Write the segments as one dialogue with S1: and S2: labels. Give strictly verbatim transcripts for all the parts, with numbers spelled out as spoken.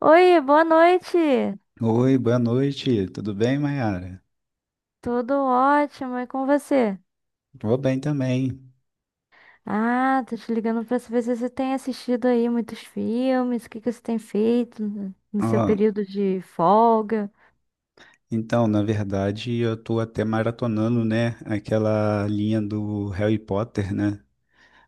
S1: Oi, boa noite.
S2: Oi, boa noite. Tudo bem, Mayara?
S1: Tudo ótimo, e com você?
S2: Tô bem também.
S1: Ah, tô te ligando pra saber se você tem assistido aí muitos filmes, o que que você tem feito no no seu
S2: Ó,
S1: período de folga.
S2: então, na verdade, eu tô até maratonando, né, aquela linha do Harry Potter, né?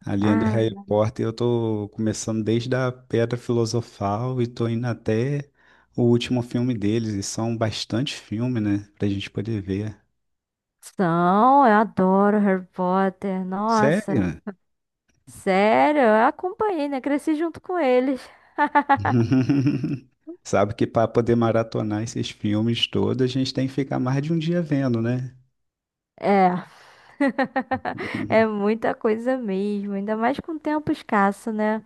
S2: A linha do
S1: Ah,
S2: Harry Potter eu tô começando desde a Pedra Filosofal e tô indo até o último filme deles, e são bastante filmes, né, pra gente poder ver.
S1: são, eu adoro Harry Potter. Nossa,
S2: Sério?
S1: sério, eu acompanhei, né? Cresci junto com eles.
S2: Sabe que para poder maratonar esses filmes todos, a gente tem que ficar mais de um dia vendo, né?
S1: É. É muita coisa mesmo, ainda mais com tempo escasso, né?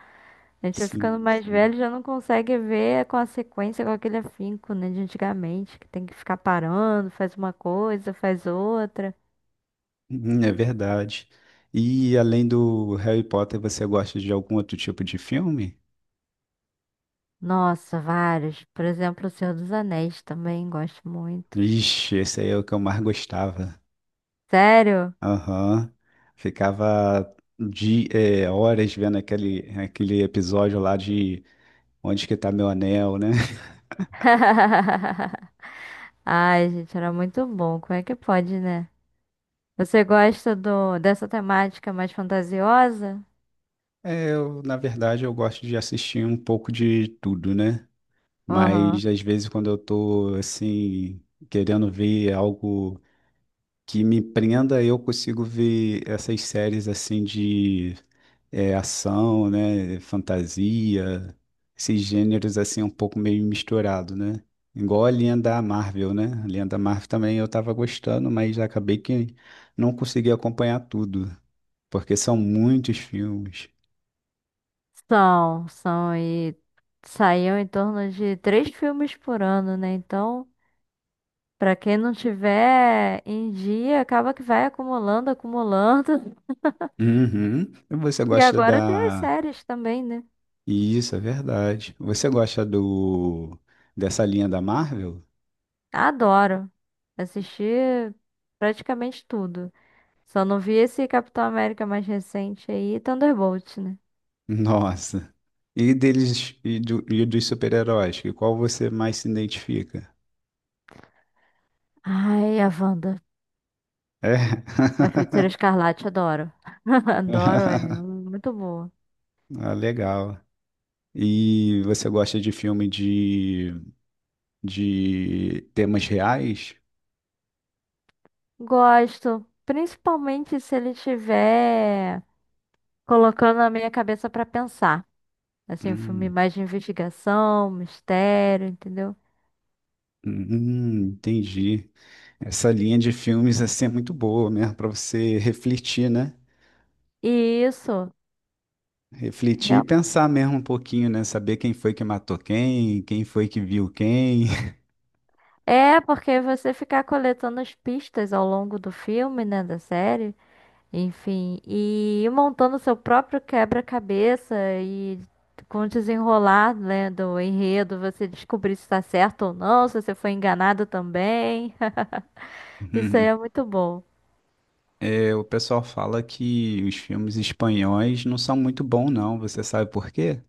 S1: A gente vai
S2: Sim,
S1: ficando mais
S2: sim.
S1: velho, e já não consegue ver com a sequência, com aquele afinco, né, de antigamente, que tem que ficar parando, faz uma coisa, faz outra.
S2: Hum, é verdade. E além do Harry Potter, você gosta de algum outro tipo de filme?
S1: Nossa, vários. Por exemplo, O Senhor dos Anéis também gosto muito.
S2: Ixi, esse aí é o que eu mais gostava.
S1: Sério?
S2: Aham. Ficava de é, horas vendo aquele, aquele episódio lá de onde que tá meu anel, né?
S1: Ai, gente, era muito bom. Como é que pode, né? Você gosta do dessa temática mais fantasiosa?
S2: É, eu, na verdade, eu gosto de assistir um pouco de tudo, né?
S1: Aham.
S2: Mas às vezes quando eu tô assim, querendo ver algo que me prenda, eu consigo ver essas séries assim de é, ação, né, fantasia, esses gêneros assim um pouco meio misturado, né? Igual a linha da Marvel, né? A linha da Marvel também eu tava gostando, mas acabei que não consegui acompanhar tudo, porque são muitos filmes.
S1: São, são e saíam em torno de três filmes por ano, né? Então pra quem não tiver em dia, acaba que vai acumulando, acumulando.
S2: Uhum. E você
S1: E
S2: gosta
S1: agora tem as
S2: da...
S1: séries também, né?
S2: Isso, é verdade. Você gosta do... dessa linha da Marvel?
S1: Adoro assistir praticamente tudo. Só não vi esse Capitão América mais recente aí, Thunderbolt, né?
S2: Nossa. E deles e, do- e dos super-heróis, que qual você mais se identifica?
S1: Ai, a Wanda.
S2: É.
S1: A Feiticeira Escarlate, adoro. Adoro ela, muito boa.
S2: Ah, legal. E você gosta de filme de, de temas reais?
S1: Gosto, principalmente se ele tiver colocando a minha cabeça pra pensar. Assim, um filme
S2: Hum,
S1: mais de investigação, mistério, entendeu?
S2: hum, entendi. Essa linha de filmes assim é muito boa mesmo para você refletir, né?
S1: E isso.
S2: Refletir e
S1: real-
S2: pensar mesmo um pouquinho, né? Saber quem foi que matou quem, quem foi que viu quem.
S1: É, porque você ficar coletando as pistas ao longo do filme, né, da série, enfim, e ir montando seu próprio quebra-cabeça e com o desenrolar, né, do enredo, você descobrir se está certo ou não, se você foi enganado também. Isso aí é muito bom.
S2: É, o pessoal fala que os filmes espanhóis não são muito bons, não. Você sabe por quê?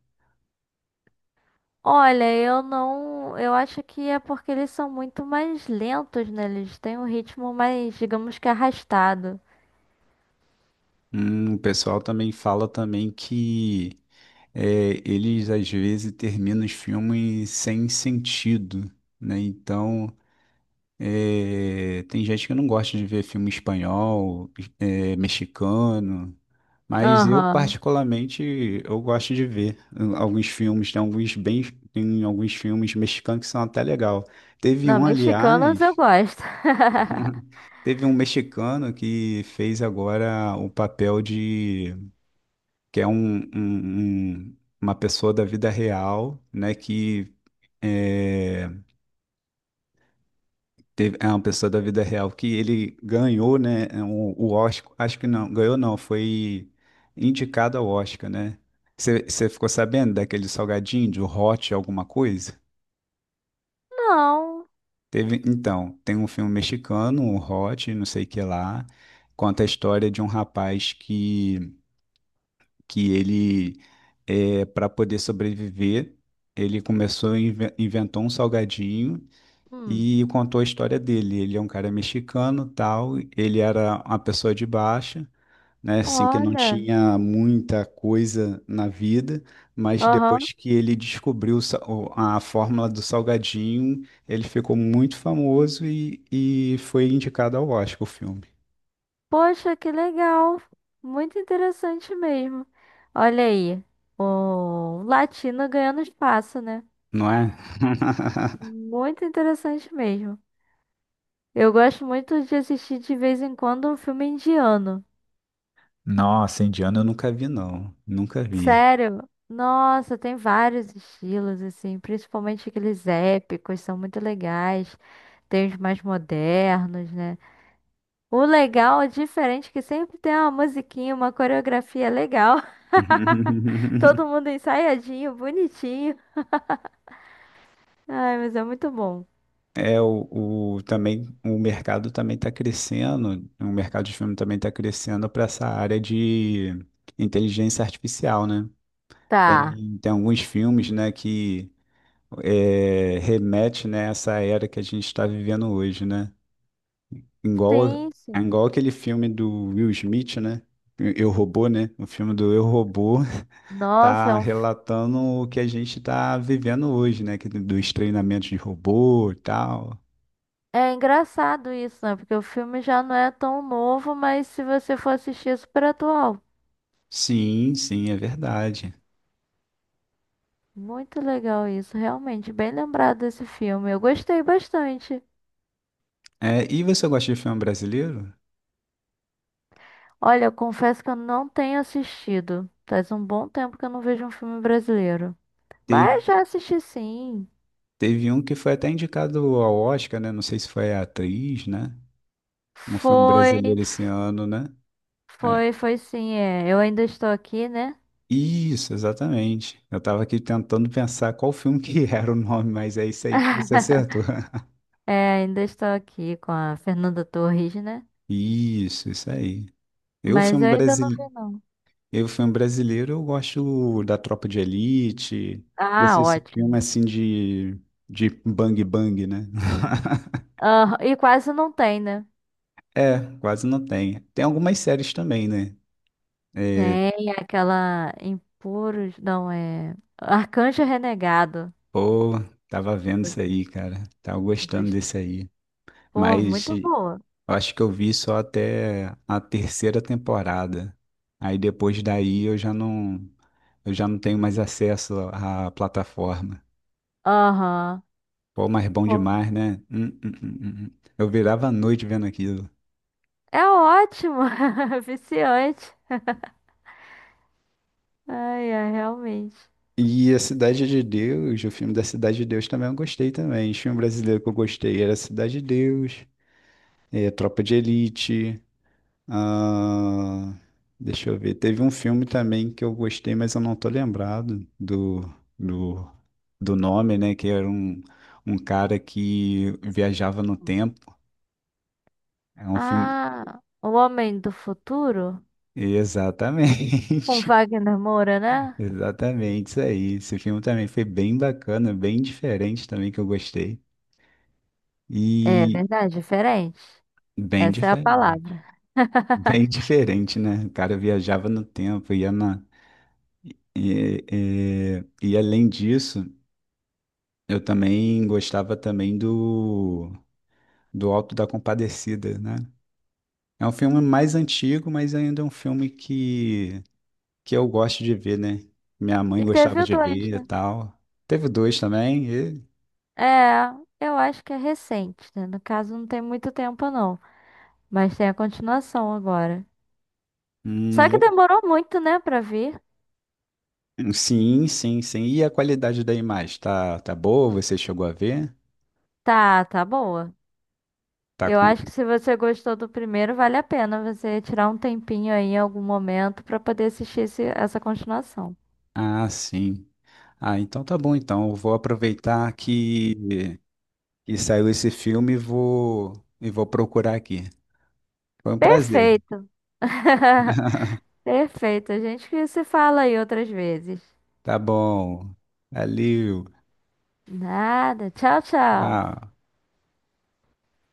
S1: Olha, eu não. Eu acho que é porque eles são muito mais lentos, né? Eles têm um ritmo mais, digamos que arrastado.
S2: Hum, o pessoal também fala também que é, eles às vezes terminam os filmes sem sentido, né? Então, é, tem gente que não gosta de ver filme espanhol, é, mexicano, mas eu
S1: Aham.
S2: particularmente eu gosto de ver hum, alguns filmes, tem alguns bem, tem alguns filmes mexicanos que são até legal. Teve
S1: Não,
S2: um,
S1: mexicanos eu
S2: aliás.
S1: gosto.
S2: Teve um mexicano que fez agora o papel de que é um, um- um- uma pessoa da vida real, né? Que é, teve, é uma pessoa da vida real que ele ganhou, né? O, o Oscar, acho que não, ganhou não, foi indicado ao Oscar, né? Você ficou sabendo daquele salgadinho de Hot alguma coisa?
S1: Não.
S2: Teve, então, tem um filme mexicano, o Hot, não sei o que lá, conta a história de um rapaz que que ele, é, para poder sobreviver, ele começou, a inventou um salgadinho
S1: Hum.
S2: e contou a história dele. Ele é um cara mexicano, tal, ele era uma pessoa de baixa, né, assim, que não
S1: Olha.
S2: tinha muita coisa na vida, mas
S1: Aham.
S2: depois que ele descobriu o sa- o- a fórmula do salgadinho, ele ficou muito famoso e, e foi indicado ao Oscar o filme,
S1: Poxa, que legal. Muito interessante mesmo. Olha aí, o latino ganhando espaço, né?
S2: não é?
S1: Muito interessante mesmo. Eu gosto muito de assistir de vez em quando um filme indiano.
S2: Nossa, indiano eu nunca vi, não. Nunca vi.
S1: Sério? Nossa, tem vários estilos, assim, principalmente aqueles épicos, são muito legais. Tem os mais modernos, né? O legal é diferente, que sempre tem uma musiquinha, uma coreografia legal. Todo mundo ensaiadinho, bonitinho. Ai, mas é muito bom.
S2: É, o, o- também o mercado também está crescendo, o mercado de filme também está crescendo para essa área de inteligência artificial, né?
S1: Tá.
S2: Tem, tem alguns filmes, né, que é, remete, né, a essa era que a gente está vivendo hoje, né? Igual,
S1: Sim, sim.
S2: igual aquele filme do Will Smith, né? Eu, Robô, né? O filme do Eu, Robô
S1: Nossa, é
S2: tá
S1: um... fi-
S2: relatando o que a gente está vivendo hoje, né? Que- dos treinamentos de robô e tal.
S1: é engraçado isso, né? Porque o filme já não é tão novo, mas se você for assistir, é super atual.
S2: Sim, sim, é verdade.
S1: Muito legal isso, realmente, bem lembrado desse filme. Eu gostei bastante.
S2: É, e você gosta de filme brasileiro?
S1: Olha, eu confesso que eu não tenho assistido. Faz um bom tempo que eu não vejo um filme brasileiro.
S2: Teve,
S1: Mas já assisti, sim.
S2: teve um que foi até indicado ao Oscar, né? Não sei se foi a atriz, né? Um filme
S1: Foi,
S2: brasileiro esse ano, né? É,
S1: foi, foi sim, é. Eu ainda estou aqui, né?
S2: isso, exatamente. Eu tava aqui tentando pensar qual filme que era o nome, mas é isso aí que você acertou.
S1: É, ainda estou aqui com a Fernanda Torres, né?
S2: Isso, isso aí. Eu,
S1: Mas
S2: filme
S1: eu ainda não
S2: brasile...
S1: vi, não.
S2: eu, filme brasileiro, eu gosto da Tropa de Elite,
S1: Ah,
S2: desses filmes
S1: ótimo.
S2: assim de, de bang bang, né?
S1: Aham, e quase não tem, né?
S2: É, quase não tem. Tem algumas séries também, né?
S1: Tem aquela Impuros, não é. Arcanjo Renegado.
S2: Pô, tava vendo isso
S1: Gos-
S2: aí, cara. Tava gostando
S1: gos-
S2: desse aí.
S1: Pô,
S2: Mas
S1: muito
S2: eu
S1: boa.
S2: acho que eu vi só até a terceira temporada. Aí depois daí eu já não, eu já não tenho mais acesso à plataforma.
S1: Aham.
S2: Pô, mas bom
S1: Pô,
S2: demais, né? Hum, hum, hum, hum, hum. Eu virava a noite vendo aquilo.
S1: é ótimo. Viciante. Ai, ai, realmente.
S2: E a Cidade de Deus, o filme da Cidade de Deus também eu gostei também. O filme brasileiro que eu gostei era Cidade de Deus, eh, Tropa de Elite. Ah, deixa eu ver. Teve um filme também que eu gostei, mas eu não tô lembrado do, do, do nome, né? Que era um, um cara que viajava no
S1: Hum.
S2: tempo. É um filme.
S1: Ah, O Homem do Futuro? Com
S2: Exatamente.
S1: Wagner Moura, né?
S2: Exatamente, isso aí. Esse filme também foi bem bacana, bem diferente também que eu gostei.
S1: É
S2: E
S1: verdade, diferente.
S2: bem
S1: Essa é a
S2: diferente.
S1: palavra.
S2: Bem diferente, né? O cara viajava no tempo, ia na. E, e, e além disso. Eu também gostava também do, do Alto da Compadecida, né? É um filme mais antigo, mas ainda é um filme que, que eu gosto de ver, né? Minha mãe
S1: E teve
S2: gostava
S1: o
S2: de
S1: dois,
S2: ver e
S1: né?
S2: tal. Teve dois também. E-
S1: É, eu acho que é recente, né? No caso, não tem muito tempo, não. Mas tem a continuação agora.
S2: hum,
S1: Só que
S2: le-
S1: demorou muito, né, pra vir.
S2: sim, sim, sim. E a qualidade da imagem? Tá, tá boa? Você chegou a ver?
S1: Tá, tá boa.
S2: Tá
S1: Eu
S2: com...
S1: acho que se você gostou do primeiro, vale a pena você tirar um tempinho aí em algum momento pra poder assistir esse- essa continuação.
S2: Ah, sim. Ah, então tá bom, então. Eu vou aproveitar que, que saiu esse filme e vou, e vou procurar aqui. Foi um prazer.
S1: Perfeito. Perfeito. A gente que se fala aí outras vezes.
S2: Tá bom. Valeu.
S1: Nada. Tchau, tchau.
S2: Tchau.